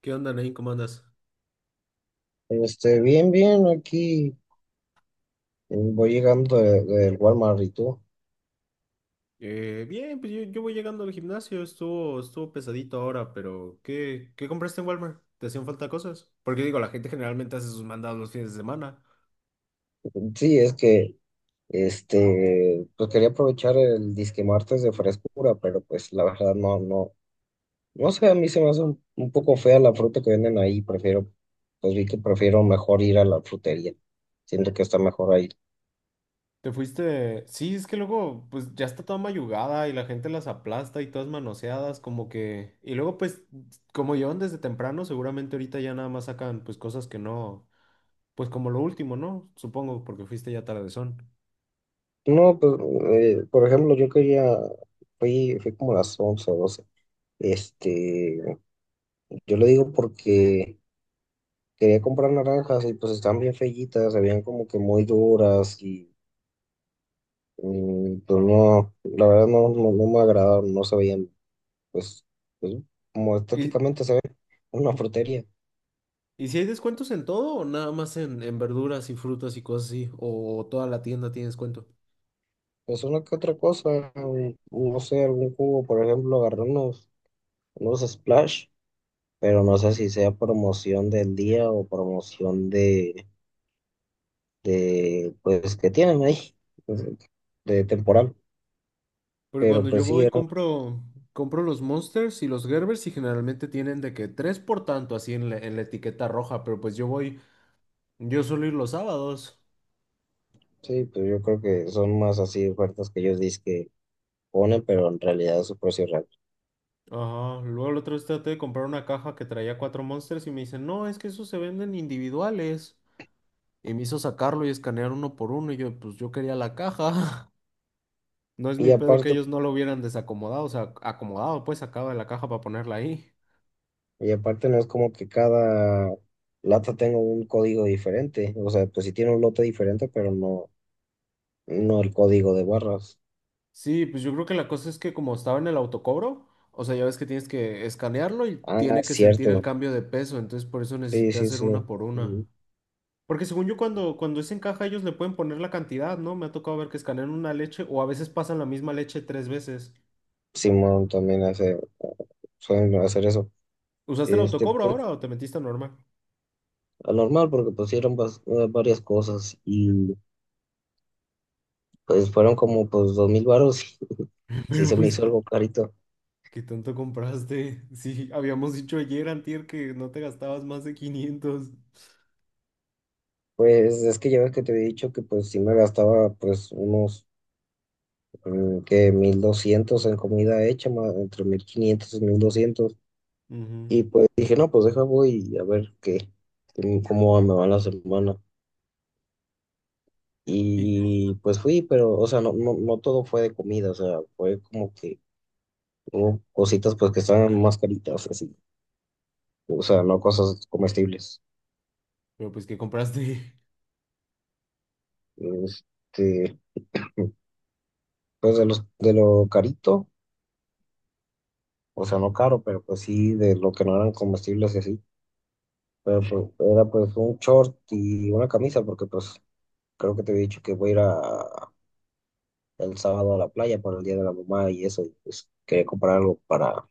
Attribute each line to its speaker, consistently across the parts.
Speaker 1: ¿Qué onda, Nain? ¿Cómo andas?
Speaker 2: Bien, bien, aquí voy llegando del Walmart, ¿y tú?
Speaker 1: Bien, pues yo voy llegando al gimnasio, estuvo pesadito ahora, pero ¿qué compraste en Walmart? ¿Te hacían falta cosas? Porque digo, la gente generalmente hace sus mandados los fines de semana.
Speaker 2: Sí, es que, pues quería aprovechar el disque martes de frescura, pero pues la verdad no, no sé, a mí se me hace un poco fea la fruta que venden ahí, prefiero, pues vi que prefiero mejor ir a la frutería, siento que está mejor ahí.
Speaker 1: ¿Te fuiste? Sí, es que luego, pues ya está toda mayugada y la gente las aplasta y todas manoseadas, como que. Y luego, pues, como llevan desde temprano, seguramente ahorita ya nada más sacan, pues, cosas que no. Pues como lo último, ¿no? Supongo, porque fuiste ya tardezón.
Speaker 2: No, pues, por ejemplo, yo quería, fui como a las 11 o 12, este, yo lo digo porque… Quería comprar naranjas y pues están bien feyitas, se veían como que muy duras y pues no, la verdad no me agradaron, no se veían, pues, pues, como
Speaker 1: ¿Y,
Speaker 2: estéticamente se ve una frutería.
Speaker 1: ¿Y si hay descuentos en todo o nada más en verduras y frutas y cosas así? ¿O toda la tienda tiene descuento?
Speaker 2: Pues una que otra cosa, no sé, algún jugo, por ejemplo, agarré unos Splash, pero no sé si sea promoción del día o promoción de pues, que tienen ahí, pues, de temporal.
Speaker 1: Porque
Speaker 2: Pero
Speaker 1: cuando yo
Speaker 2: pues sí.
Speaker 1: voy compro, compro los Monsters y los Gerbers y generalmente tienen de que tres por tanto así en la etiqueta roja, pero pues yo suelo ir los sábados.
Speaker 2: Sí, pues yo creo que son más así ofertas que ellos dicen que ponen, pero en realidad es su precio real.
Speaker 1: Ajá, luego la otra vez traté de comprar una caja que traía cuatro Monsters y me dicen, no, es que esos se venden individuales. Y me hizo sacarlo y escanear uno por uno y yo, pues yo quería la caja. No es
Speaker 2: Y
Speaker 1: mi pedo que
Speaker 2: aparte,
Speaker 1: ellos no lo hubieran desacomodado, o sea, acomodado, pues sacado de la caja para ponerla ahí.
Speaker 2: y aparte no es como que cada lata tenga un código diferente. O sea, pues sí tiene un lote diferente, pero no, no el código de barras.
Speaker 1: Sí, pues yo creo que la cosa es que como estaba en el autocobro, o sea, ya ves que tienes que escanearlo y
Speaker 2: Ah,
Speaker 1: tiene que sentir el
Speaker 2: cierto.
Speaker 1: cambio de peso, entonces por eso
Speaker 2: Sí,
Speaker 1: necesité
Speaker 2: sí,
Speaker 1: hacer
Speaker 2: sí.
Speaker 1: una por una.
Speaker 2: Mm.
Speaker 1: Porque según yo cuando es en caja ellos le pueden poner la cantidad, ¿no? Me ha tocado ver que escanean una leche o a veces pasan la misma leche tres veces.
Speaker 2: Simón también hace, Suelen hacer eso.
Speaker 1: ¿Usaste el
Speaker 2: Este,
Speaker 1: autocobro
Speaker 2: pues,
Speaker 1: ahora o te metiste a normal?
Speaker 2: a normal, porque pusieron varias cosas y pues fueron como pues 2000 varos. Sí
Speaker 1: Pero
Speaker 2: se me
Speaker 1: pues,
Speaker 2: hizo
Speaker 1: ¿qué,
Speaker 2: algo carito.
Speaker 1: qué tanto compraste? Sí, habíamos dicho ayer, antier, que no te gastabas más de 500.
Speaker 2: Pues es que ya ves que te había dicho que pues sí me gastaba pues que 1200 en comida hecha, entre 1500 y 1200.
Speaker 1: Ujú.
Speaker 2: Y pues dije, no, pues deja voy a ver qué, cómo me va la semana.
Speaker 1: Y,
Speaker 2: Y pues fui, pero o sea, no todo fue de comida, o sea, fue como que hubo cositas pues que estaban más caritas, así. O sea, no cosas comestibles.
Speaker 1: pero pues que compraste.
Speaker 2: Este, pues de lo carito, o sea, no caro, pero pues sí de lo que no eran comestibles y así. Pero pues, era pues un short y una camisa, porque pues creo que te había dicho que voy a ir a- el sábado a la playa para el Día de la Mamá y eso, y pues quería comprar algo para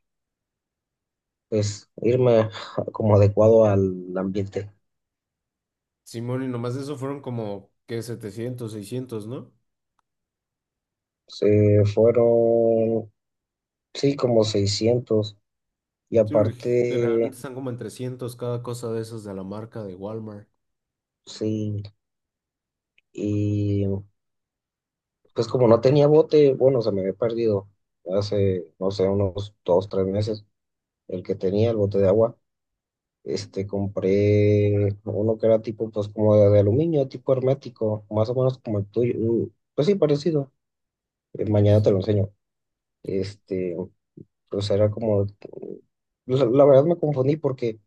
Speaker 2: pues irme como adecuado al ambiente.
Speaker 1: Simón, y nomás de eso fueron como que 700 600, ¿no?
Speaker 2: Se fueron, sí, como 600 y
Speaker 1: Sí, güey, generalmente
Speaker 2: aparte,
Speaker 1: están como en 300 cada cosa de esas de la marca de Walmart.
Speaker 2: sí, y pues como no tenía bote, bueno, se me había perdido hace, no sé, unos dos, tres meses el que tenía el bote de agua. Compré uno que era tipo, pues como de aluminio, tipo hermético, más o menos como el tuyo. Pues sí, parecido. Mañana te lo enseño. Este, pues era como, la verdad me confundí porque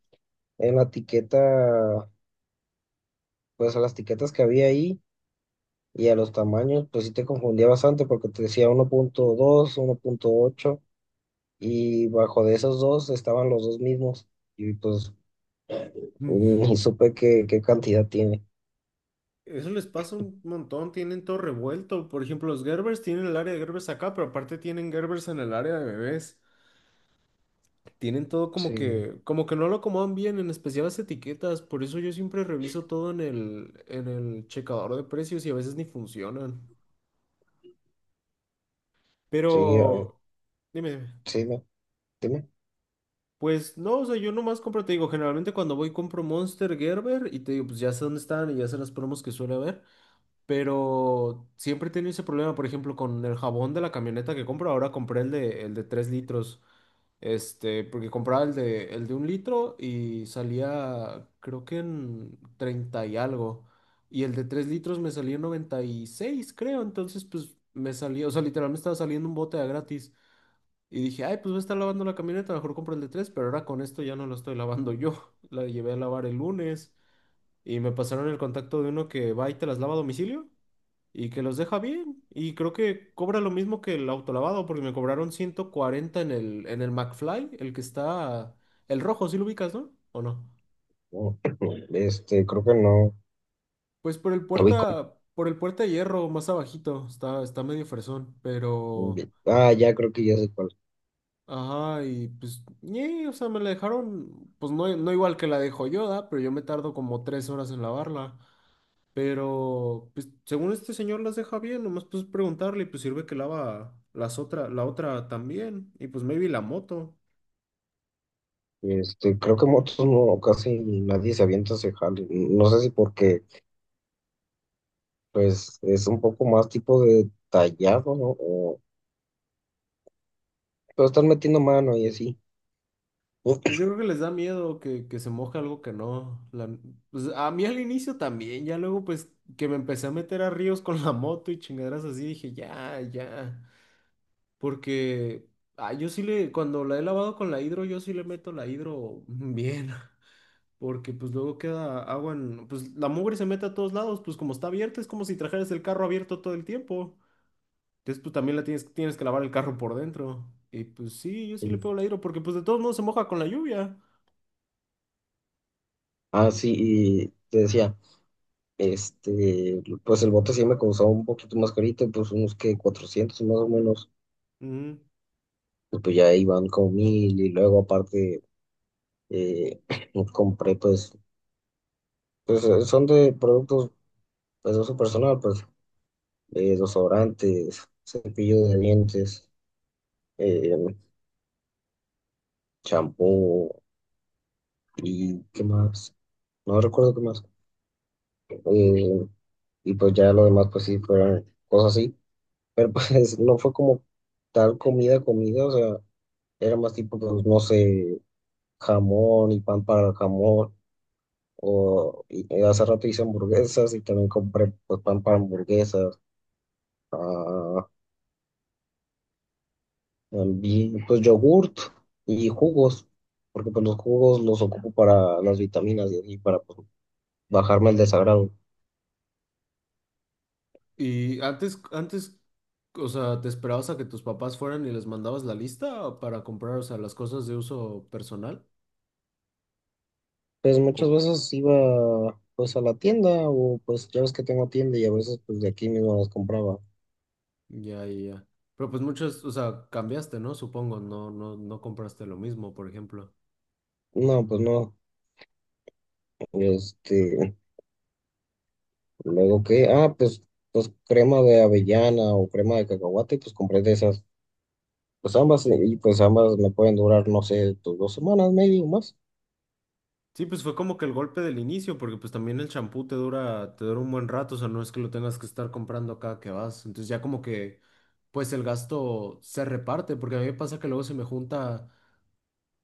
Speaker 2: en la etiqueta, pues a las etiquetas que había ahí y a los tamaños, pues sí te confundía bastante porque te decía 1.2, 1.8, y bajo de esos dos estaban los dos mismos y pues
Speaker 1: Mm.
Speaker 2: ni supe qué, qué cantidad tiene.
Speaker 1: Eso les pasa un montón, tienen todo revuelto. Por ejemplo, los Gerbers tienen el área de Gerbers acá, pero aparte tienen Gerbers en el área de bebés. Tienen todo
Speaker 2: Sí,
Speaker 1: como que no lo acomodan bien, en especial las etiquetas. Por eso yo siempre reviso todo en el checador de precios y a veces ni funcionan.
Speaker 2: sí.
Speaker 1: Pero, dime, dime.
Speaker 2: Sí, no, dime.
Speaker 1: Pues no, o sea, yo nomás compro, te digo, generalmente cuando voy compro Monster, Gerber y te digo, pues ya sé dónde están y ya sé las promos que suele haber, pero siempre he tenido ese problema, por ejemplo, con el jabón de la camioneta que compro, ahora compré el de 3 litros, este, porque compraba el de 1 litro y salía, creo que en 30 y algo, y el de 3 litros me salía en 96, creo, entonces pues me salía, o sea, literal me estaba saliendo un bote a gratis. Y dije, ay, pues voy a estar lavando la camioneta, mejor compro el de tres, pero ahora con esto ya no la estoy lavando yo. La llevé a lavar el lunes y me pasaron el contacto de uno que va y te las lava a domicilio y que los deja bien. Y creo que cobra lo mismo que el autolavado porque me cobraron 140 en el, McFly, el que el rojo, si lo ubicas, ¿no? ¿O no?
Speaker 2: No. Creo que no.
Speaker 1: Pues por el
Speaker 2: Lo vi.
Speaker 1: puerta de hierro, más abajito, está medio fresón, pero.
Speaker 2: Ah, ya creo que ya sé cuál.
Speaker 1: Ajá, y pues, ñe, o sea, me la dejaron, pues no, no igual que la de Joyoda, pero yo me tardo como 3 horas en lavarla. Pero, pues, según este señor las deja bien, nomás pues preguntarle y pues sirve que lava la otra también. Y pues maybe la moto.
Speaker 2: Creo que motos no, casi nadie se avienta a ese jale. No sé si porque, pues, es un poco más tipo de tallado, ¿no? O, pero están metiendo mano y así.
Speaker 1: Pues yo creo que les da miedo que se moje algo que no. Pues a mí al inicio también, ya luego pues que me empecé a meter a ríos con la moto y chingaderas así, dije, ya, ya. Porque yo sí le, cuando la he lavado con la hidro, yo sí le meto la hidro bien. Porque pues luego queda agua en, pues la mugre se mete a todos lados, pues como está abierta, es como si trajeras el carro abierto todo el tiempo. Entonces pues también tienes que lavar el carro por dentro. Y pues sí, yo sí le
Speaker 2: Sí.
Speaker 1: pego la hidro, porque pues de todos modos se moja con la lluvia.
Speaker 2: Ah, sí, y te decía, pues el bote sí me costaba un poquito más carito, pues unos que 400 más o menos,
Speaker 1: Ujú.
Speaker 2: y pues ya iban como mil, y luego aparte eh, compré pues… Pues son de productos pues, de uso personal, pues desodorantes, cepillo de dientes, eh, champú y qué más. No recuerdo qué más. Eh, y pues ya lo demás, pues sí, fueron cosas así. Pero pues no fue como tal comida, o sea, era más tipo, pues no sé, jamón y pan para el jamón. Hace rato hice hamburguesas y también compré pues, pan para hamburguesas. Ah, también, pues yogurt y jugos, porque pues los jugos los ocupo para las vitaminas y así, para pues, bajarme el desagrado.
Speaker 1: Y antes, o sea, ¿te esperabas a que tus papás fueran y les mandabas la lista para comprar, o sea, las cosas de uso personal?
Speaker 2: Pues muchas veces iba pues a la tienda o pues ya ves que tengo tienda y a veces pues de aquí mismo las compraba.
Speaker 1: Ya, ya, ya. Pero pues muchos, o sea, cambiaste, ¿no? Supongo, no, no, no compraste lo mismo, por ejemplo.
Speaker 2: No, pues no. Este, Luego que, ah, pues, pues crema de avellana o crema de cacahuate, pues compré de esas. Pues ambas, y pues ambas me pueden durar, no sé, pues, dos semanas, medio más.
Speaker 1: Sí, pues fue como que el golpe del inicio, porque pues también el champú te dura un buen rato, o sea, no es que lo tengas que estar comprando cada que vas. Entonces ya como que, pues el gasto se reparte, porque a mí me pasa que luego se me junta.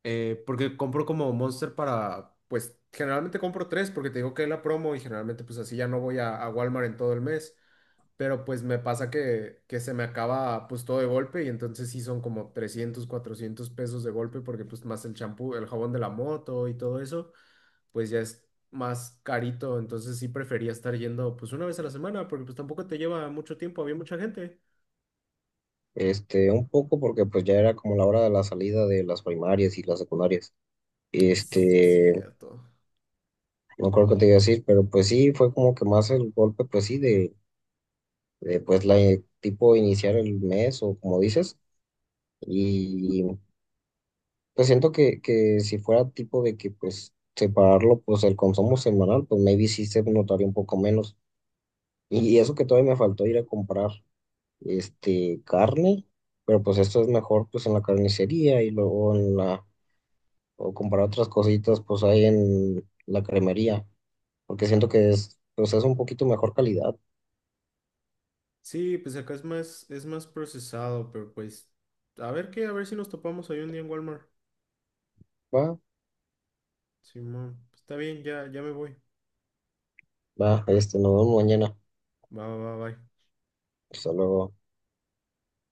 Speaker 1: Porque compro como Monster para, pues generalmente compro tres porque te digo que es la promo y generalmente pues así ya no voy a Walmart en todo el mes, pero pues me pasa que se me acaba pues todo de golpe y entonces sí son como 300, 400 pesos de golpe porque pues más el champú, el jabón de la moto y todo eso, pues ya es más carito, entonces sí prefería estar yendo pues una vez a la semana porque pues tampoco te lleva mucho tiempo, había mucha gente.
Speaker 2: Un poco porque pues ya era como la hora de la salida de las primarias y las secundarias.
Speaker 1: Sí,
Speaker 2: Este,
Speaker 1: cierto.
Speaker 2: no creo que te iba a decir, pero pues sí, fue como que más el golpe, pues sí, de pues la tipo iniciar el mes o como dices. Y pues siento que si fuera tipo de que pues separarlo, pues el consumo semanal, pues maybe sí se notaría un poco menos. Y eso que todavía me faltó ir a comprar, carne, pero pues esto es mejor pues en la carnicería y luego en la o comprar otras cositas pues ahí en la cremería, porque siento que es, pues es un poquito mejor calidad.
Speaker 1: Sí, pues acá es más procesado, pero pues a ver qué, a ver si nos topamos ahí un día en Walmart.
Speaker 2: Va,
Speaker 1: Simón, pues, está bien, ya, ya me voy.
Speaker 2: va, nos vemos mañana.
Speaker 1: Va, va, va, bye.
Speaker 2: Hasta luego.